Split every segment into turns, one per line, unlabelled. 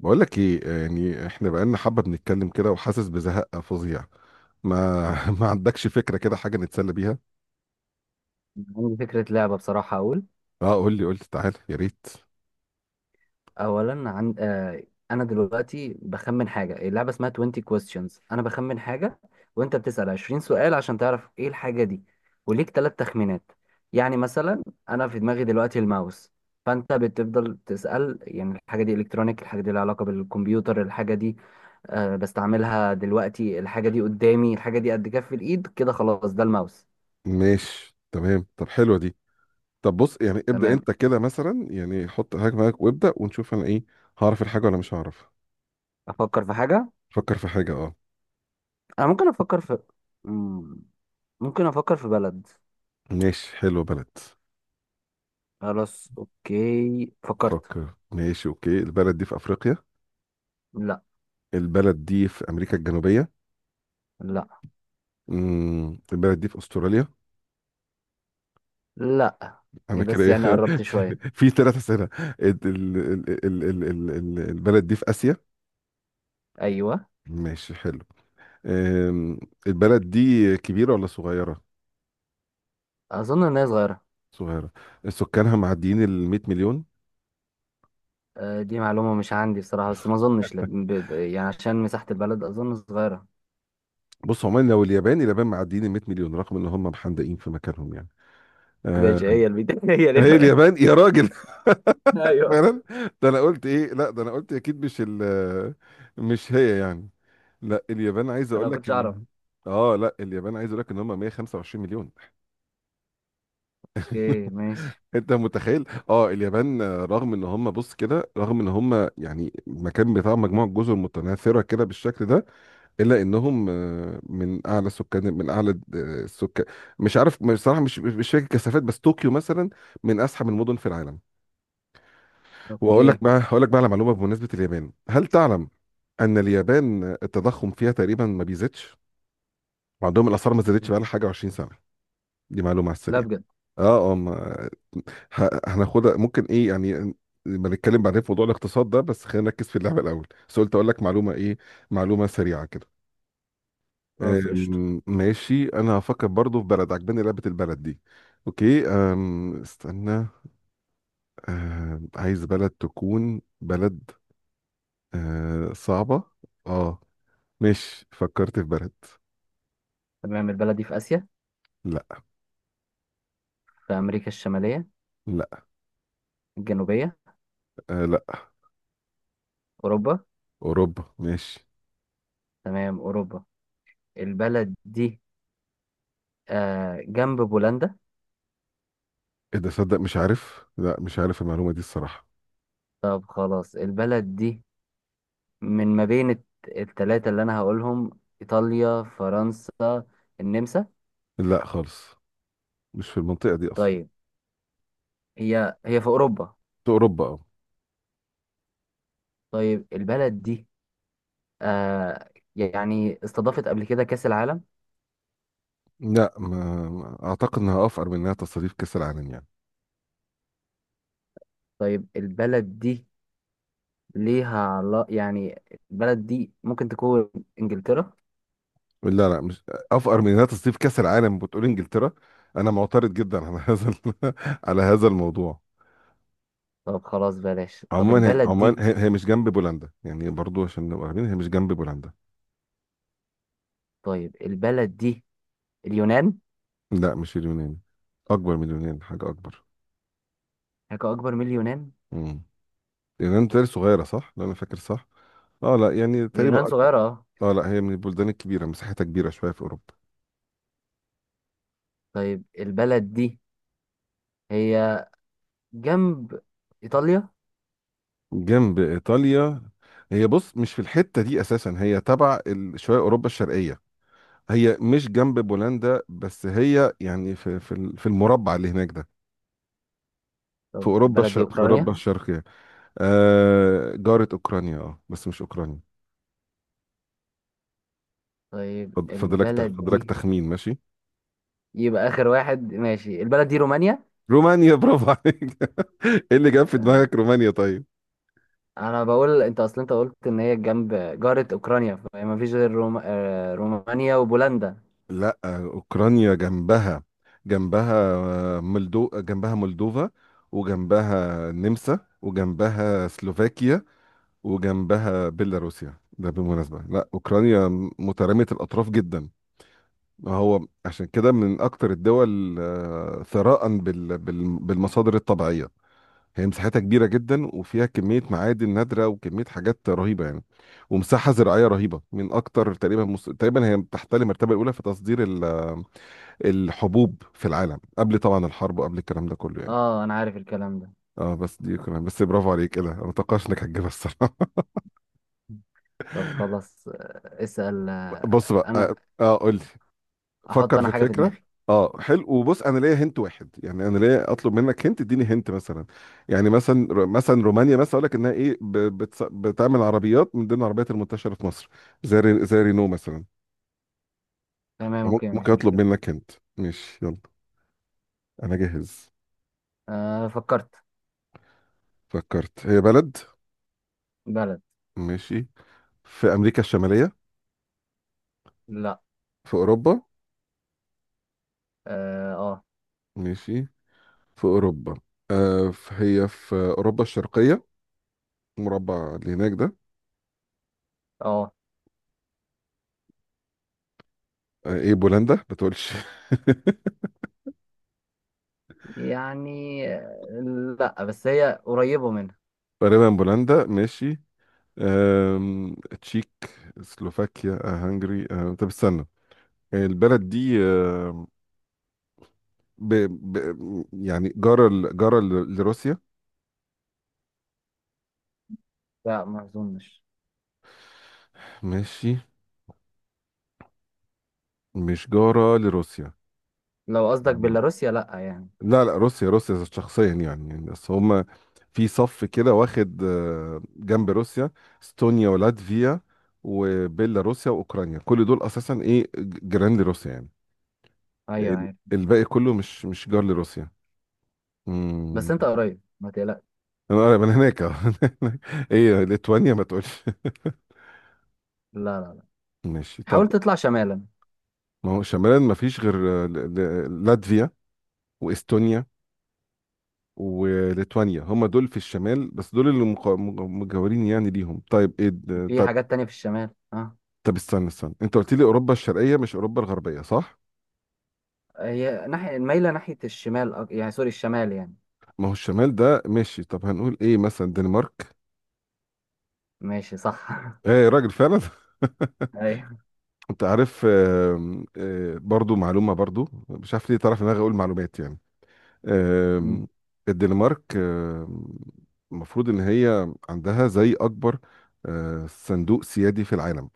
بقول لك ايه يعني احنا بقالنا حبه بنتكلم كده وحاسس بزهق فظيع. ما. ما عندكش فكره كده حاجه نتسلى بيها؟
عندي فكرة لعبة بصراحة. أقول
اه، قول لي تعالى يا ريت.
أولا عن أنا دلوقتي بخمن حاجة، اللعبة اسمها 20 questions، أنا بخمن حاجة وأنت بتسأل 20 سؤال عشان تعرف إيه الحاجة دي، وليك ثلاث تخمينات. يعني مثلا أنا في دماغي دلوقتي الماوس، فأنت بتفضل تسأل يعني الحاجة دي إلكترونيك، الحاجة دي لها علاقة بالكمبيوتر، الحاجة دي بستعملها دلوقتي، الحاجة دي قدامي، الحاجة دي قد كف الإيد كده، خلاص ده الماوس.
ماشي تمام، طب حلوه دي. طب بص، يعني ابدا
تمام.
انت كده مثلا، يعني حط حاجه معاك وابدا ونشوف انا ايه، هعرف الحاجه ولا مش هعرف.
أفكر في حاجة.
فكر في حاجه، اه.
انا ممكن افكر في مم، ممكن افكر في بلد.
ماشي حلو، بلد.
خلاص اوكي فكرت.
فكر. ماشي اوكي. البلد دي في افريقيا؟
لا،
البلد دي في امريكا الجنوبيه؟
لا،
البلد دي في استراليا؟
لا.
انا
إيه
كده
بس
ايه،
يعني قربت
في
شوية.
في ثلاث اسئله. البلد دي في اسيا؟
ايوه.
ماشي حلو. أم، البلد دي كبيره ولا صغيره؟
اظن ان هي صغيرة.
صغيره؟ سكانها معديين ال 100 مليون؟
دي معلومة مش عندي بصراحة، بس ما اظنش يعني عشان مساحة البلد اظن صغيرة.
بص عموما، لو اليابان، اليابان معديين ال 100 مليون رغم ان هم محندقين في مكانهم يعني.
ماشي،
أه،
هي البيت هي ليه
هي
بقى؟
اليابان يا راجل.
ايوه.
فعلا. ده انا قلت ايه، لا ده انا قلت اكيد مش مش هي يعني. لا اليابان عايز
انا
اقول
ما
لك
كنتش اعرف.
ان، اه لا اليابان عايز اقول لك ان هم 125 مليون.
اوكي ماشي.
انت متخيل؟ اه اليابان رغم ان هم، بص كده، رغم ان هم يعني المكان بتاع مجموعه جزر متناثره كده بالشكل ده، الا انهم من اعلى سكان، من اعلى السكان. مش عارف بصراحه، مش فاكر كثافات، بس طوكيو مثلا من ازحم المدن في العالم. واقول لك
اوكي.
بقى، هقول لك بقى على معلومه بمناسبه اليابان. هل تعلم ان اليابان التضخم فيها تقريبا ما بيزيدش، وعندهم الاسعار ما زادتش بقى لها حاجه 20 سنه؟ دي معلومة على
لا
السريع.
بجد.
اه اه هناخدها ممكن، ايه يعني، لما نتكلم بعدين في موضوع الاقتصاد ده، بس خلينا نركز في اللعبة الأول. بس قلت أقول لك معلومة، ايه، معلومة سريعة كده.
خلاص قشطة.
ماشي، أنا هفكر برضو في بلد. عجباني لعبة البلد دي. اوكي، استنى. عايز بلد تكون بلد صعبة. اه، ماشي فكرت في بلد.
تمام، البلد دي في اسيا؟
لا.
في امريكا الشمالية؟
لا.
الجنوبية؟
لا.
اوروبا؟
أوروبا؟ ماشي.
تمام اوروبا. البلد دي آه جنب بولندا.
ايه ده صدق، مش عارف، لا مش عارف المعلومة دي الصراحة.
طب خلاص، البلد دي من ما التلاتة اللي أنا هقولهم: إيطاليا، فرنسا، النمسا.
لا خالص، مش في المنطقة دي أصلا.
طيب هي هي في أوروبا.
في أوروبا، أه.
طيب البلد دي آه يعني استضافت قبل كده كأس العالم؟
لا أعتقد إنها أفقر من إنها تصاريف كأس العالم يعني.
طيب البلد دي ليها علا يعني، البلد دي ممكن تكون إنجلترا.
لا، لا، مش أفقر من إنها تصاريف كأس العالم بتقول إنجلترا؟ أنا معترض جدا على هذا على هذا الموضوع.
طب خلاص بلاش. طب
عموما هي،
البلد
عموما
دي.
هي, مش جنب بولندا يعني، برضو عشان نبقى عارفين هي مش جنب بولندا.
طيب البلد دي اليونان؟
لا مش اليونان، أكبر من اليونان، حاجة أكبر.
حاجة أكبر من اليونان؟
امم اليونان تقريبا صغيرة صح؟ لو أنا فاكر صح. أه لا يعني
اليونان
تقريبا أكبر.
صغيرة.
أه لا، هي من البلدان الكبيرة، مساحتها كبيرة شوية في أوروبا.
طيب البلد دي هي جنب إيطاليا؟
جنب ايطاليا؟ هي بص مش في الحته دي اساسا، هي تبع شويه اوروبا الشرقيه. هي مش جنب بولندا، بس هي يعني في المربع اللي هناك ده. في
طب
اوروبا
البلد دي
الشرق، جنب في اوروبا أوكرانيا
أوكرانيا؟
الشرقيه، آه جاره اوكرانيا، اه بس مش اوكرانيا.
طيب
فاضلك جنب، فاضلك
البلد
رومانيا
دي
تخمين، ماشي.
يبقى آخر واحد، ماشي، البلد دي رومانيا.
رومانيا، برافو عليك. ايه اللي جاب في دماغك
آه.
رومانيا؟ طيب،
أنا بقول أنت أصلا أنت قلت إن هي جنب، جارة أوكرانيا، فما فيش غير رومانيا وبولندا.
لا اوكرانيا جنبها، جنبها آه، ملدو جنبها مولدوفا، وجنبها النمسا وجنبها سلوفاكيا وجنبها بيلاروسيا. ده بالمناسبة لا أوكرانيا مترامية الأطراف جدا. هو عشان كده من أكتر الدول ثراء بالمصادر الطبيعية. هي مساحتها كبيرة جدا وفيها كمية معادن نادرة وكمية حاجات رهيبة يعني، ومساحة زراعية رهيبة، من أكتر تقريبا تقريبا هي تحتل المرتبة الأولى في تصدير الحبوب في العالم، قبل طبعا الحرب وقبل الكلام ده كله يعني.
أه، أنا عارف الكلام ده.
اه بس دي كمان، بس برافو عليك، ايه ده، انا متوقعش انك هتجيبها الصراحه.
طب خلاص اسأل،
بص بقى،
أنا
اه قول لي،
أحط
فكر في
أنا حاجة في
الفكره.
دماغي.
اه حلو، وبص انا ليا هنت واحد، يعني انا ليا اطلب منك هنت، اديني هنت مثلا، يعني مثلا مثلا رومانيا، مثلا اقول لك انها ايه، بتعمل عربيات من ضمن العربيات المنتشره في مصر زي زي رينو مثلا.
تمام أوكي،
ممكن
مفيش
اطلب
مشكلة.
منك هنت. ماشي يلا، انا جاهز.
أه فكرت.
فكرت، هي بلد.
بلد.
ماشي، في امريكا الشماليه؟
لا.
في اوروبا؟
أه أه.
ماشي، في اوروبا. هي في اوروبا الشرقيه، المربع اللي هناك ده.
آه.
ايه بولندا ما تقولش.
يعني لا، بس هي قريبة منها.
تقريبا بولندا، ماشي. أم... تشيك، سلوفاكيا، هنغري، طب استنى، البلد دي ب... يعني جارة ل... لروسيا؟
لا ما اظنش.
ماشي، مش جارة لروسيا.
لو قصدك
مم.
بيلاروسيا لا يعني.
لا لا، روسيا روسيا شخصيا يعني، يعني بس هما في صف كده واخد جنب روسيا، استونيا ولاتفيا وبيلاروسيا واوكرانيا، كل دول اساسا ايه، جيران لروسيا يعني.
ايوه عارف.
الباقي كله مش جار لروسيا.
بس انت قريب ما تقلقش.
انا قريب من هناك، ايه ليتوانيا ما تقولش.
لا لا لا.
ماشي، طب
حاول تطلع شمالا.
ما هو شمالا ما فيش غير لاتفيا واستونيا وليتوانيا. هم دول في الشمال، بس دول اللي مجاورين يعني ليهم. طيب ايه
في
طب،
حاجات تانية في الشمال، اه.
طب استنى انت قلت لي اوروبا الشرقيه مش اوروبا الغربيه صح؟
هي ناحية مايلة ناحية الشمال، يعني سوري، الشمال يعني.
ما هو الشمال ده، ماشي، طب هنقول ايه مثلا، دنمارك؟
ماشي صح.
ايه يا راجل، فعلا.
ايوه.
انت عارف، آم، آه، برضو معلومه، برضو مش عارف ليه طرف دماغي اقول معلومات يعني.
مم.
آم، الدنمارك المفروض ان هي عندها زي اكبر صندوق سيادي في العالم.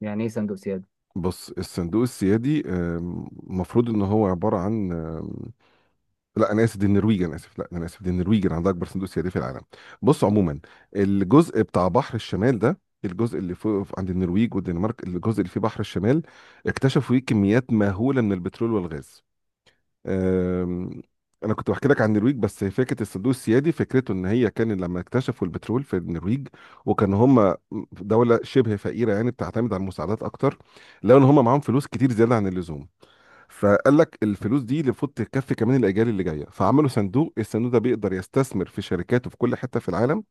يعني ايه صندوق سيادي؟
بص الصندوق السيادي المفروض ان هو عباره عن لا انا اسف، دي النرويج، انا اسف، لا انا اسف، دي النرويج اللي عندها اكبر صندوق سيادي في العالم. بص عموما، الجزء بتاع بحر الشمال ده، الجزء اللي فوق عند النرويج والدنمارك، الجزء اللي فيه بحر الشمال، اكتشفوا فيه كميات مهوله من البترول والغاز. آم، انا كنت بحكي لك عن النرويج، بس فكره الصندوق السيادي فكرته ان هي كان لما اكتشفوا البترول في النرويج، وكان هم دوله شبه فقيره يعني، بتعتمد على المساعدات اكتر، لقوا ان هم معاهم فلوس كتير زياده عن اللزوم، فقال لك الفلوس دي المفروض تكفي كمان الاجيال اللي جايه، فعملوا صندوق. الصندوق ده بيقدر يستثمر في شركاته في كل حته في العالم،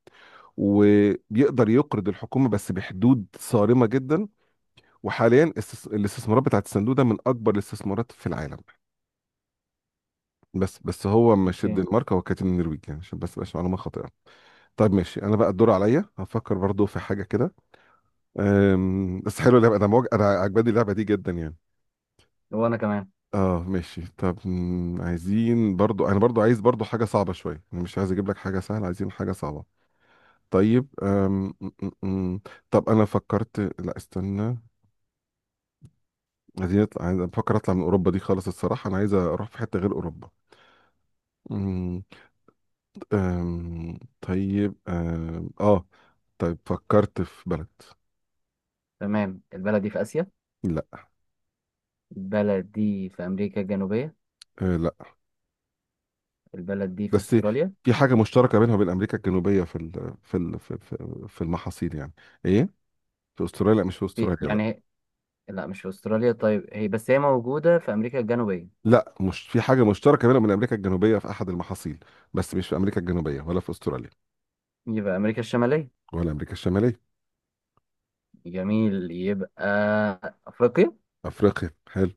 وبيقدر يقرض الحكومه بس بحدود صارمه جدا. وحاليا الاستثمارات بتاعت الصندوق ده من اكبر الاستثمارات في العالم. بس هو مش
اوكي.
الدنمارك، هو كانت النرويج يعني، عشان بس مبقاش معلومه خاطئه. طيب ماشي، انا بقى الدور عليا، هفكر برضو في حاجه كده. بس حلو اللعبه، انا انا عجباني اللعبه دي جدا يعني.
وانا كمان.
اه ماشي طب، عايزين برضو، انا برضو عايز برضو حاجه صعبه شويه، انا مش عايز اجيب لك حاجه سهله، عايزين حاجه صعبه. طيب أم... م- م- م. طب انا فكرت، لا استنى، عايزين نطلع، عايز بفكر اطلع من اوروبا دي خالص الصراحه، انا عايز اروح في حته غير اوروبا. طيب، اه طيب، فكرت في بلد.
تمام البلد دي في اسيا؟
لا.
البلد دي في امريكا الجنوبية؟
أه لا.
البلد دي في
بس
استراليا؟
في حاجة مشتركة بينها وبين أمريكا الجنوبية في ال في ال في في في المحاصيل يعني. إيه؟ في أستراليا؟ لا مش في
في
أستراليا لا.
يعني، لا مش في استراليا، طيب هي بس هي موجودة في امريكا الجنوبية؟
لا، مش في حاجة مشتركة بينها وبين أمريكا الجنوبية في أحد المحاصيل، بس مش في أمريكا الجنوبية ولا في أستراليا.
يبقى أمريكا الشمالية؟
ولا أمريكا الشمالية.
جميل، يبقى أفريقيا.
أفريقيا، حلو.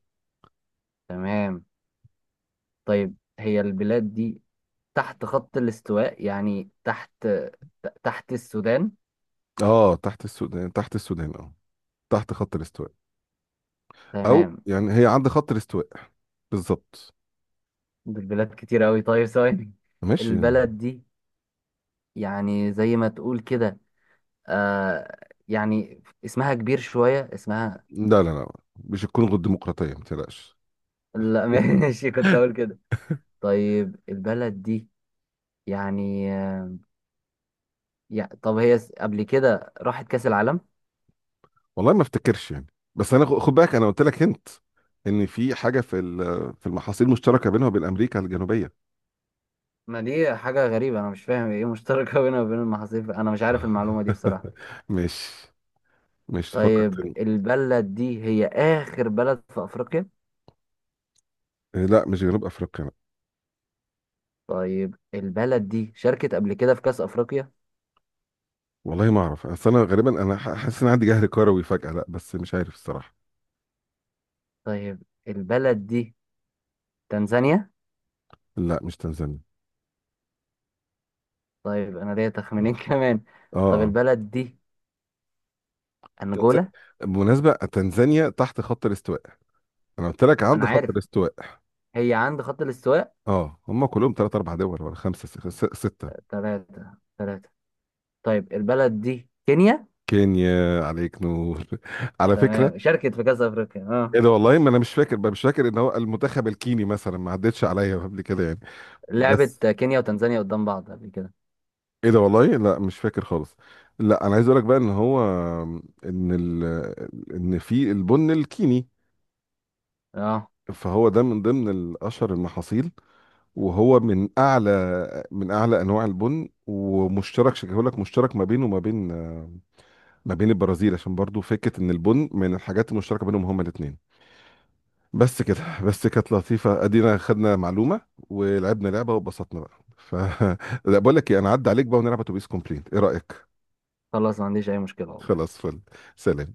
تمام. طيب هي البلاد دي تحت خط الاستواء يعني، تحت، تحت السودان؟
اه تحت السودان، تحت السودان، اه تحت خط الاستواء، أو
تمام.
يعني هي عند خط الاستواء بالظبط.
دي بلاد كتير أوي، طيب ثواني.
ماشي.
البلد دي يعني زي ما تقول كده آه، يعني اسمها كبير شوية، اسمها.
لا لا لا، مش هتكون غير ديمقراطيه ما تقلقش.
لا ماشي، كنت أقول كده. طيب البلد دي يعني، يعني طب هي قبل كده راحت كأس العالم؟
والله ما افتكرش يعني، بس انا خد بالك انا قلت لك هنت ان في حاجه في في المحاصيل المشتركه بينها وبين امريكا الجنوبيه.
ما دي حاجة غريبة، أنا مش فاهم إيه مشتركة بينها وبين المحاصيل، أنا مش عارف المعلومة دي بصراحة.
مش مش تفكر
طيب
تاني.
البلد دي هي آخر بلد في أفريقيا؟
إيه، لا مش جنوب افريقيا لا.
طيب البلد دي شاركت قبل كده في كأس أفريقيا؟
والله ما اعرف، اصل انا غالبا انا حاسس ان عندي جهل كروي فجاه، لا بس مش عارف الصراحه.
طيب البلد دي تنزانيا؟
لا مش تنزانيا.
طيب أنا ليا
اه.
تخمينين كمان. طب
اه
البلد دي
تنز-
أنجولا؟
بالمناسبة تنزانيا تحت خط الاستواء، انا قلت لك
أنا
عند خط
عارف.
الاستواء.
هي عند خط الاستواء.
اه هم كلهم ثلاث اربع دول ولا خمسه سته.
تلاتة، تلاتة. طيب البلد دي كينيا؟
كينيا، عليك نور، على فكرة.
تمام، شاركت في كأس أفريقيا، اه.
ايه ده، والله ما انا مش فاكر بقى، مش فاكر ان هو المنتخب الكيني مثلا ما عدتش عليا قبل كده يعني. بس
لعبت كينيا وتنزانيا قدام بعض قبل كده،
ايه ده، والله لا مش فاكر خالص. لا انا عايز اقول لك بقى ان هو، ان ان في البن الكيني،
اه.
فهو ده من ضمن الاشهر المحاصيل، وهو من اعلى، من اعلى انواع البن، ومشترك شكله لك، مشترك ما بينه وما بين، ما بين البرازيل، عشان برضو فكرة ان البن من الحاجات المشتركة بينهم هما الاثنين. بس كده، بس كانت لطيفة، ادينا خدنا معلومة ولعبنا لعبة واتبسطنا بقى. ف لا بقول لك ايه، انا عدى عليك بقى ونلعب اتوبيس كومبليت، ايه رأيك؟
خلاص ما عنديش اي مشكلة والله.
خلاص فل. سلام.